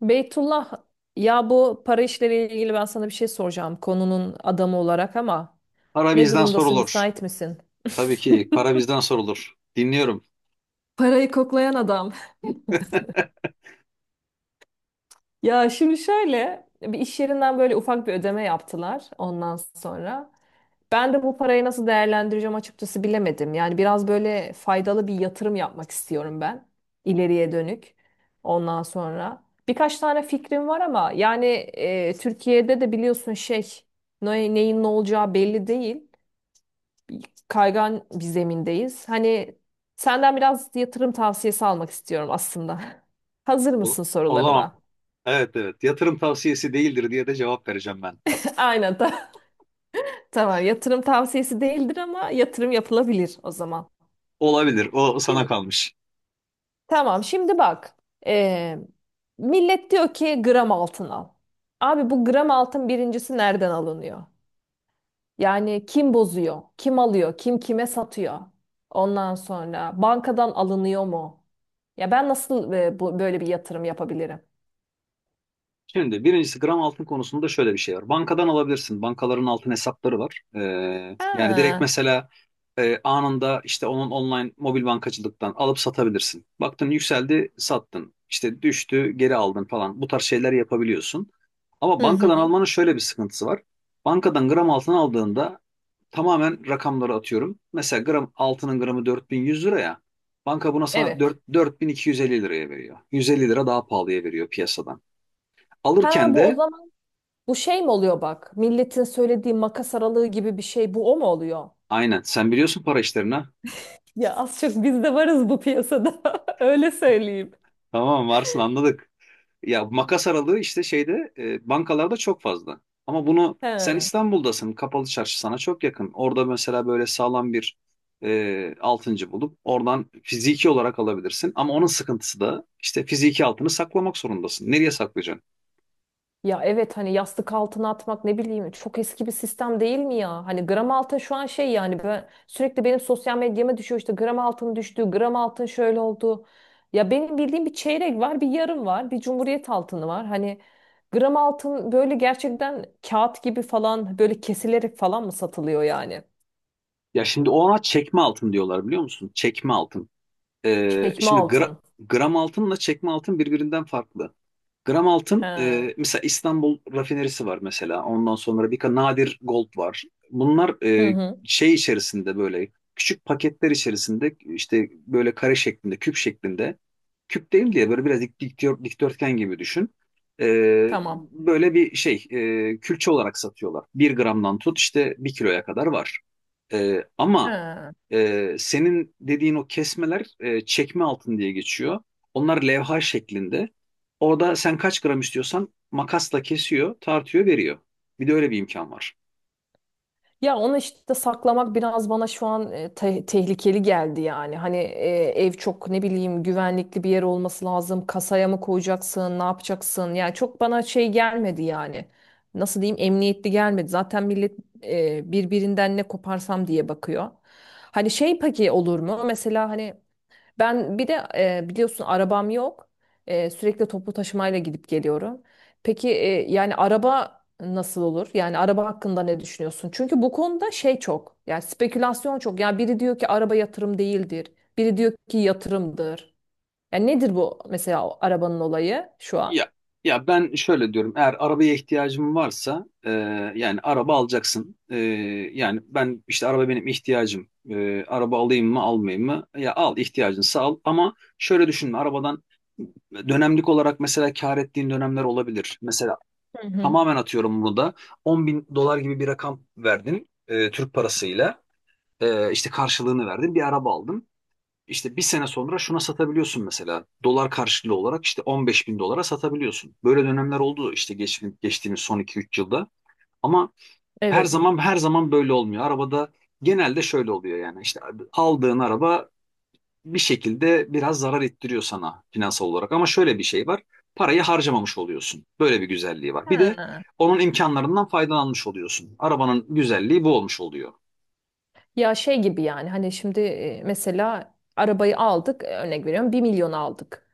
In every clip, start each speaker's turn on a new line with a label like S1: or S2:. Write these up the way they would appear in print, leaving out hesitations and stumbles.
S1: Beytullah, ya bu para işleriyle ilgili ben sana bir şey soracağım konunun adamı olarak ama
S2: Para
S1: ne
S2: bizden
S1: durumdasın,
S2: sorulur.
S1: müsait misin?
S2: Tabii ki para bizden sorulur. Dinliyorum.
S1: Parayı koklayan adam. Ya şimdi şöyle, bir iş yerinden böyle ufak bir ödeme yaptılar ondan sonra. Ben de bu parayı nasıl değerlendireceğim açıkçası bilemedim. Yani biraz böyle faydalı bir yatırım yapmak istiyorum ben, ileriye dönük. Ondan sonra birkaç tane fikrim var ama yani Türkiye'de de biliyorsun şey, neyin ne olacağı belli değil. Bir kaygan bir zemindeyiz. Hani senden biraz yatırım tavsiyesi almak istiyorum aslında. Hazır
S2: O,
S1: mısın
S2: o zaman
S1: sorularıma?
S2: evet evet yatırım tavsiyesi değildir diye de cevap vereceğim ben.
S1: Aynen. Tamam, yatırım tavsiyesi değildir ama yatırım yapılabilir o zaman.
S2: Olabilir. O sana
S1: Şimdi,
S2: kalmış.
S1: tamam, şimdi bak. Ee, millet diyor ki gram altın al. Abi bu gram altın birincisi nereden alınıyor? Yani kim bozuyor? Kim alıyor? Kim kime satıyor? Ondan sonra bankadan alınıyor mu? Ya ben nasıl bu, böyle bir yatırım yapabilirim?
S2: Şimdi birincisi gram altın konusunda şöyle bir şey var. Bankadan alabilirsin. Bankaların altın hesapları var. Yani direkt
S1: Ha.
S2: mesela anında işte onun online mobil bankacılıktan alıp satabilirsin. Baktın yükseldi, sattın. İşte düştü, geri aldın falan. Bu tarz şeyler yapabiliyorsun. Ama
S1: Hı
S2: bankadan
S1: hı.
S2: almanın şöyle bir sıkıntısı var. Bankadan gram altın aldığında tamamen rakamları atıyorum. Mesela gram altının gramı 4100 lira ya. Banka buna sana
S1: Evet.
S2: 4250 liraya veriyor. 150 lira daha pahalıya veriyor piyasadan.
S1: Ha,
S2: Alırken
S1: bu o
S2: de
S1: zaman bu şey mi oluyor bak? Milletin söylediği makas aralığı gibi bir şey bu, o mu oluyor?
S2: aynen, sen biliyorsun para işlerini, ha.
S1: Ya az çok biz de varız bu piyasada. Öyle söyleyeyim.
S2: Tamam, varsın anladık. Ya, makas aralığı işte şeyde bankalarda çok fazla. Ama bunu sen
S1: He.
S2: İstanbul'dasın, kapalı çarşı sana çok yakın. Orada mesela böyle sağlam bir altıncı bulup oradan fiziki olarak alabilirsin. Ama onun sıkıntısı da işte fiziki altını saklamak zorundasın. Nereye saklayacaksın?
S1: Ya evet, hani yastık altına atmak, ne bileyim, çok eski bir sistem değil mi ya? Hani gram altın şu an şey, yani ben sürekli benim sosyal medyama düşüyor, işte gram altın düştü, gram altın şöyle oldu. Ya benim bildiğim bir çeyrek var, bir yarım var, bir cumhuriyet altını var. Hani gram altın böyle gerçekten kağıt gibi falan, böyle kesilerek falan mı satılıyor yani?
S2: Ya şimdi ona çekme altın diyorlar, biliyor musun? Çekme altın.
S1: Çekme
S2: Şimdi gra-
S1: altın.
S2: gram altınla çekme altın birbirinden farklı. Gram
S1: He.
S2: altın,
S1: Hı
S2: mesela İstanbul rafinerisi var mesela. Ondan sonra bir nadir gold var. Bunlar
S1: hı.
S2: şey içerisinde, böyle küçük paketler içerisinde, işte böyle kare şeklinde, küp şeklinde. Küp değil diye böyle biraz dikdörtgen gibi düşün. Ee,
S1: Tamam.
S2: böyle bir şey, külçe olarak satıyorlar. Bir gramdan tut işte bir kiloya kadar var. Ee, ama
S1: He.
S2: ee, senin dediğin o kesmeler, çekme altın diye geçiyor. Onlar levha şeklinde. Orada sen kaç gram istiyorsan makasla kesiyor, tartıyor, veriyor. Bir de öyle bir imkan var.
S1: Ya onu işte saklamak biraz bana şu an tehlikeli geldi yani. Hani ev çok, ne bileyim, güvenlikli bir yer olması lazım. Kasaya mı koyacaksın, ne yapacaksın? Yani çok bana şey gelmedi yani. Nasıl diyeyim, emniyetli gelmedi. Zaten millet birbirinden ne koparsam diye bakıyor. Hani şey, peki olur mu? Mesela hani ben bir de biliyorsun arabam yok. Sürekli toplu taşımayla gidip geliyorum. Peki yani araba nasıl olur? Yani araba hakkında ne düşünüyorsun? Çünkü bu konuda şey çok. Yani spekülasyon çok. Yani biri diyor ki araba yatırım değildir. Biri diyor ki yatırımdır. Yani nedir bu mesela o arabanın olayı şu an?
S2: Ya ya ben şöyle diyorum. Eğer arabaya ihtiyacım varsa yani araba alacaksın. Yani ben işte araba benim ihtiyacım. Araba alayım mı, almayayım mı? Ya al, ihtiyacınsa al. Ama şöyle düşünme arabadan, dönemlik olarak mesela kar ettiğin dönemler olabilir. Mesela,
S1: Hı hı.
S2: tamamen atıyorum bunu da. 10 bin dolar gibi bir rakam verdin Türk parasıyla. İşte karşılığını verdin. Bir araba aldın. İşte bir sene sonra şuna satabiliyorsun mesela. Dolar karşılığı olarak işte 15 bin dolara satabiliyorsun. Böyle dönemler oldu işte geçtiğimiz son iki üç yılda. Ama her
S1: Evet.
S2: zaman her zaman böyle olmuyor. Arabada genelde şöyle oluyor yani. İşte aldığın araba bir şekilde biraz zarar ettiriyor sana finansal olarak. Ama şöyle bir şey var. Parayı harcamamış oluyorsun. Böyle bir güzelliği var. Bir de
S1: Ha.
S2: onun imkanlarından faydalanmış oluyorsun. Arabanın güzelliği bu olmuş oluyor.
S1: Ya şey gibi, yani hani şimdi mesela arabayı aldık, örnek veriyorum, bir milyon aldık.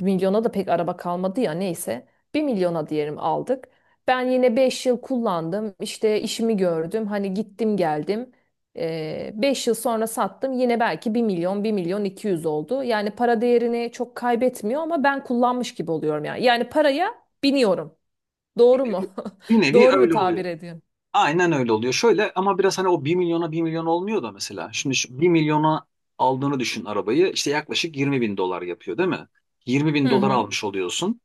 S1: 1 milyona da pek araba kalmadı ya, neyse. Bir milyona diyelim aldık. Ben yine 5 yıl kullandım. İşte işimi gördüm. Hani gittim geldim. Beş yıl sonra sattım. Yine belki bir milyon, bir milyon 200 oldu. Yani para değerini çok kaybetmiyor ama ben kullanmış gibi oluyorum yani. Yani paraya biniyorum.
S2: Bir
S1: Doğru mu?
S2: nevi, bir nevi
S1: Doğru mu
S2: öyle
S1: tabir
S2: oluyor.
S1: ediyorum?
S2: Aynen öyle oluyor. Şöyle, ama biraz hani o bir milyona bir milyon olmuyor da mesela. Şimdi şu 1 milyona aldığını düşün arabayı. İşte yaklaşık 20 bin dolar yapıyor değil mi? 20 bin
S1: Hı
S2: dolar
S1: hı.
S2: almış oluyorsun.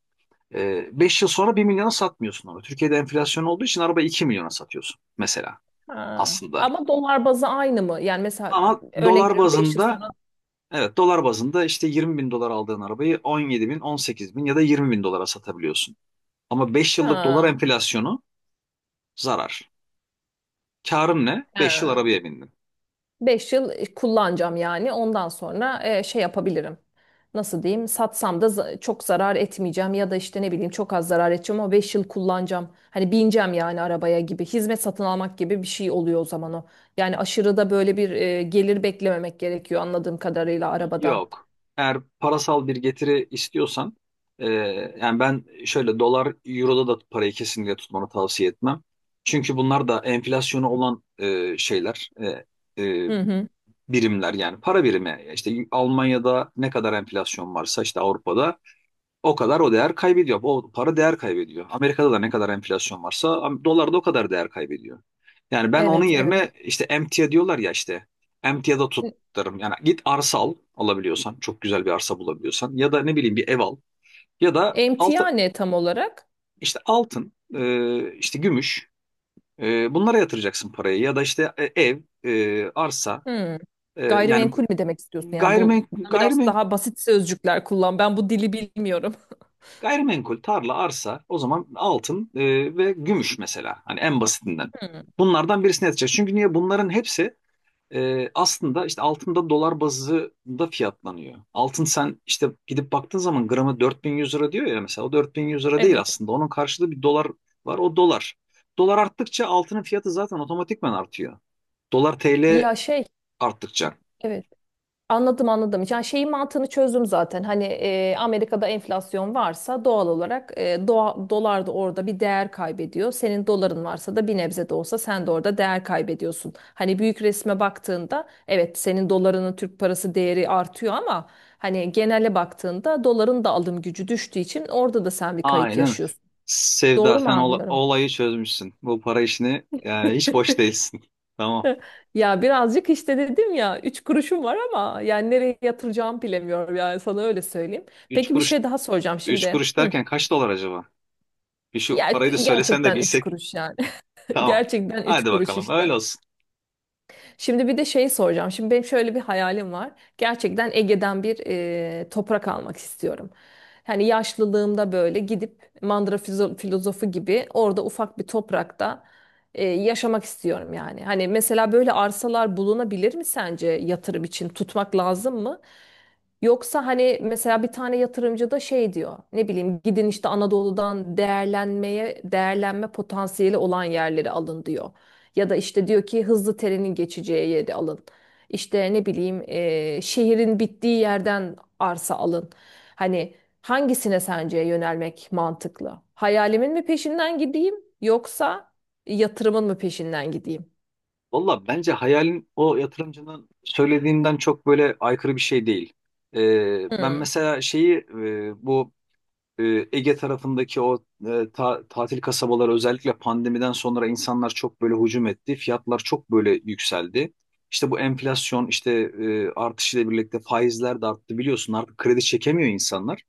S2: 5 yıl sonra bir milyona satmıyorsun onu. Türkiye'de enflasyon olduğu için araba 2 milyona satıyorsun mesela
S1: Ha.
S2: aslında.
S1: Ama dolar bazı aynı mı? Yani mesela
S2: Ama
S1: örnek
S2: dolar
S1: veriyorum 5 yıl
S2: bazında,
S1: sonra.
S2: evet, dolar bazında işte 20 bin dolar aldığın arabayı 17 bin, 18 bin ya da 20 bin dolara satabiliyorsun. Ama 5 yıllık dolar
S1: Ha.
S2: enflasyonu zarar. Karın ne? 5 yıl
S1: Ha.
S2: arabaya bindin.
S1: 5 yıl kullanacağım yani. Ondan sonra şey yapabilirim. Nasıl diyeyim? Satsam da çok zarar etmeyeceğim ya da işte ne bileyim çok az zarar edeceğim ama 5 yıl kullanacağım. Hani bineceğim yani arabaya gibi. Hizmet satın almak gibi bir şey oluyor o zaman o. Yani aşırı da böyle bir gelir beklememek gerekiyor anladığım kadarıyla arabadan.
S2: Yok. Eğer parasal bir getiri istiyorsan e, yani ben şöyle dolar, euroda da parayı kesinlikle tutmanı tavsiye etmem. Çünkü bunlar da enflasyonu olan şeyler, e, e,
S1: Hı hı.
S2: birimler, yani para birimi. İşte Almanya'da ne kadar enflasyon varsa işte Avrupa'da o kadar o değer kaybediyor. O para değer kaybediyor. Amerika'da da ne kadar enflasyon varsa dolar da o kadar değer kaybediyor. Yani ben onun
S1: Evet,
S2: yerine
S1: evet.
S2: işte emtia diyorlar ya, işte emtiada tutarım. Yani git arsa alabiliyorsan çok güzel bir arsa bulabiliyorsan, ya da ne bileyim bir ev al, ya da
S1: Emtia ne tam olarak?
S2: işte altın, işte gümüş, bunlara yatıracaksın parayı, ya da işte ev, arsa,
S1: Hı.
S2: yani
S1: Gayrimenkul mi demek istiyorsun? Yani bu
S2: gayrimen
S1: biraz
S2: gayrimenkul
S1: daha basit sözcükler kullan. Ben bu dili bilmiyorum.
S2: Gayrimenkul, tarla, arsa, o zaman altın ve gümüş mesela. Hani en basitinden.
S1: Hı.
S2: Bunlardan birisine yatacak. Çünkü niye? Bunların hepsi aslında işte altında dolar bazında fiyatlanıyor. Altın, sen işte gidip baktığın zaman gramı 4100 lira diyor ya mesela. O 4100 lira değil
S1: Evet.
S2: aslında. Onun karşılığı bir dolar var. O dolar. Dolar arttıkça altının fiyatı zaten otomatikman artıyor. Dolar TL
S1: Ya şey,
S2: arttıkça.
S1: evet, anladım anladım. Yani şeyin mantığını çözdüm zaten. Hani Amerika'da enflasyon varsa doğal olarak dolar da orada bir değer kaybediyor. Senin doların varsa da bir nebze de olsa sen de orada değer kaybediyorsun. Hani büyük resme baktığında evet, senin dolarının Türk parası değeri artıyor ama hani genele baktığında doların da alım gücü düştüğü için orada da sen bir kayıp
S2: Aynen.
S1: yaşıyorsun.
S2: Sevda,
S1: Doğru mu
S2: sen ola-
S1: anlıyorum?
S2: olayı çözmüşsün. Bu para işini yani, hiç boş değilsin. Tamam.
S1: Ya birazcık, işte dedim ya, üç kuruşum var ama yani nereye yatıracağımı bilemiyorum, yani sana öyle söyleyeyim.
S2: Üç
S1: Peki bir
S2: kuruş,
S1: şey daha soracağım
S2: üç
S1: şimdi.
S2: kuruş
S1: Hı.
S2: derken kaç dolar acaba? Bir şu
S1: Ya
S2: parayı da söylesen de
S1: gerçekten üç
S2: bilsek.
S1: kuruş yani.
S2: Tamam.
S1: Gerçekten üç
S2: Hadi
S1: kuruş
S2: bakalım,
S1: işte.
S2: öyle olsun.
S1: Şimdi bir de şeyi soracağım. Şimdi benim şöyle bir hayalim var. Gerçekten Ege'den bir toprak almak istiyorum. Hani yaşlılığımda böyle gidip Mandıra filozofu gibi orada ufak bir toprakta yaşamak istiyorum yani. Hani mesela böyle arsalar bulunabilir mi, sence yatırım için tutmak lazım mı? Yoksa hani mesela bir tane yatırımcı da şey diyor. Ne bileyim, gidin işte Anadolu'dan değerlenme potansiyeli olan yerleri alın diyor. Ya da işte diyor ki hızlı trenin geçeceği yeri alın. İşte ne bileyim şehrin bittiği yerden arsa alın. Hani hangisine sence yönelmek mantıklı? Hayalimin mi peşinden gideyim yoksa yatırımın mı peşinden gideyim?
S2: Valla bence hayalin o yatırımcının söylediğinden çok böyle aykırı bir şey değil. Ben
S1: Hmm,
S2: mesela şeyi, bu e, Ege tarafındaki o tatil kasabaları, özellikle pandemiden sonra insanlar çok böyle hücum etti. Fiyatlar çok böyle yükseldi. İşte bu enflasyon işte artışıyla birlikte faizler de arttı, biliyorsun artık kredi çekemiyor insanlar.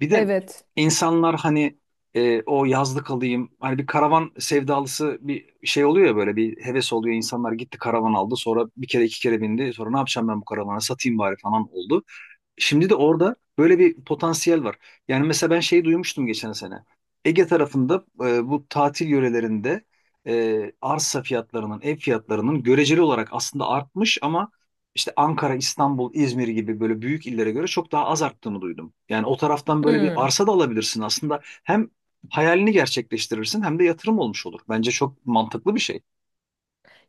S2: Bir de
S1: evet.
S2: insanlar hani o yazlık alayım, hani bir karavan sevdalısı bir şey oluyor ya, böyle bir heves oluyor, insanlar gitti karavan aldı, sonra bir kere iki kere bindi, sonra ne yapacağım ben bu karavana, satayım bari falan oldu. Şimdi de orada böyle bir potansiyel var. Yani mesela ben şeyi duymuştum geçen sene. Ege tarafında, bu tatil yörelerinde arsa fiyatlarının, ev fiyatlarının göreceli olarak aslında artmış, ama işte Ankara, İstanbul, İzmir gibi böyle büyük illere göre çok daha az arttığını duydum. Yani o taraftan böyle bir
S1: Hmm.
S2: arsa da alabilirsin aslında. Hem hayalini gerçekleştirirsin hem de yatırım olmuş olur. Bence çok mantıklı bir şey.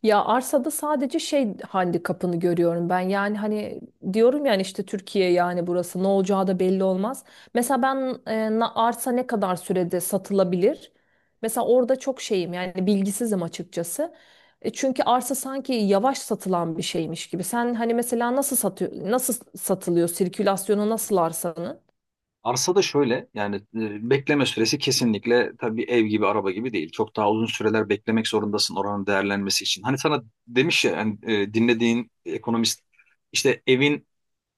S1: Ya arsada sadece şey, handikapını görüyorum ben. Yani hani diyorum yani işte Türkiye, yani burası ne olacağı da belli olmaz. Mesela ben arsa ne kadar sürede satılabilir? Mesela orada çok şeyim, yani bilgisizim açıkçası. Çünkü arsa sanki yavaş satılan bir şeymiş gibi. Sen hani mesela nasıl satıyor, nasıl satılıyor, sirkülasyonu nasıl arsanın?
S2: Arsa da şöyle yani, bekleme süresi kesinlikle tabii ev gibi, araba gibi değil. Çok daha uzun süreler beklemek zorundasın, oranın değerlenmesi için. Hani sana demiş ya yani, dinlediğin ekonomist işte,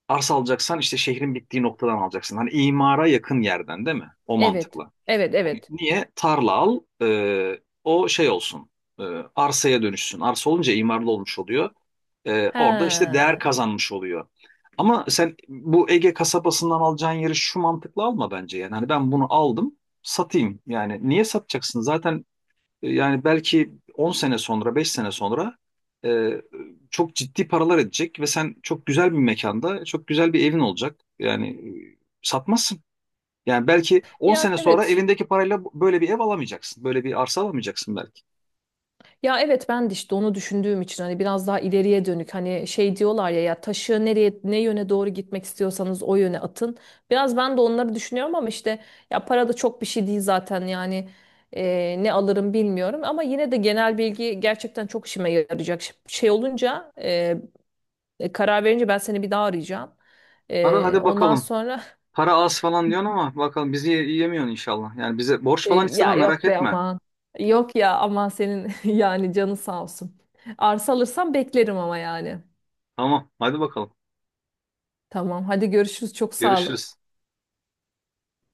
S2: arsa alacaksan işte şehrin bittiği noktadan alacaksın. Hani imara yakın yerden, değil mi? O
S1: Evet.
S2: mantıkla.
S1: Evet, evet.
S2: Niye? Tarla al, o şey olsun, e, arsaya dönüşsün. Arsa olunca imarlı olmuş oluyor.
S1: He.
S2: Orada işte değer
S1: Yani
S2: kazanmış oluyor. Ama sen bu Ege kasabasından alacağın yeri şu mantıkla alma bence. Yani hani, ben bunu aldım, satayım. Yani niye satacaksın? Zaten yani belki 10 sene sonra, 5 sene sonra, e, çok ciddi paralar edecek ve sen çok güzel bir mekanda, çok güzel bir evin olacak. Yani satmazsın. Yani belki 10 sene sonra
S1: evet.
S2: elindeki parayla böyle bir ev alamayacaksın. Böyle bir arsa alamayacaksın belki.
S1: Ya evet, ben de işte onu düşündüğüm için hani biraz daha ileriye dönük, hani şey diyorlar ya, ya taşı nereye, ne yöne doğru gitmek istiyorsanız o yöne atın. Biraz ben de onları düşünüyorum ama işte ya para da çok bir şey değil zaten yani ne alırım bilmiyorum ama yine de genel bilgi gerçekten çok işime yarayacak. Şey olunca karar verince ben seni bir daha arayacağım.
S2: Ara hadi
S1: Ondan
S2: bakalım.
S1: sonra
S2: Para az falan diyorsun ama bakalım bizi yiyemiyorsun inşallah. Yani bize borç falan
S1: ya
S2: istemem,
S1: yok
S2: merak
S1: be
S2: etme.
S1: aman, yok ya aman senin yani canın sağ olsun. Arsa alırsam beklerim ama yani.
S2: Tamam, hadi bakalım.
S1: Tamam. Hadi görüşürüz. Çok sağ ol.
S2: Görüşürüz.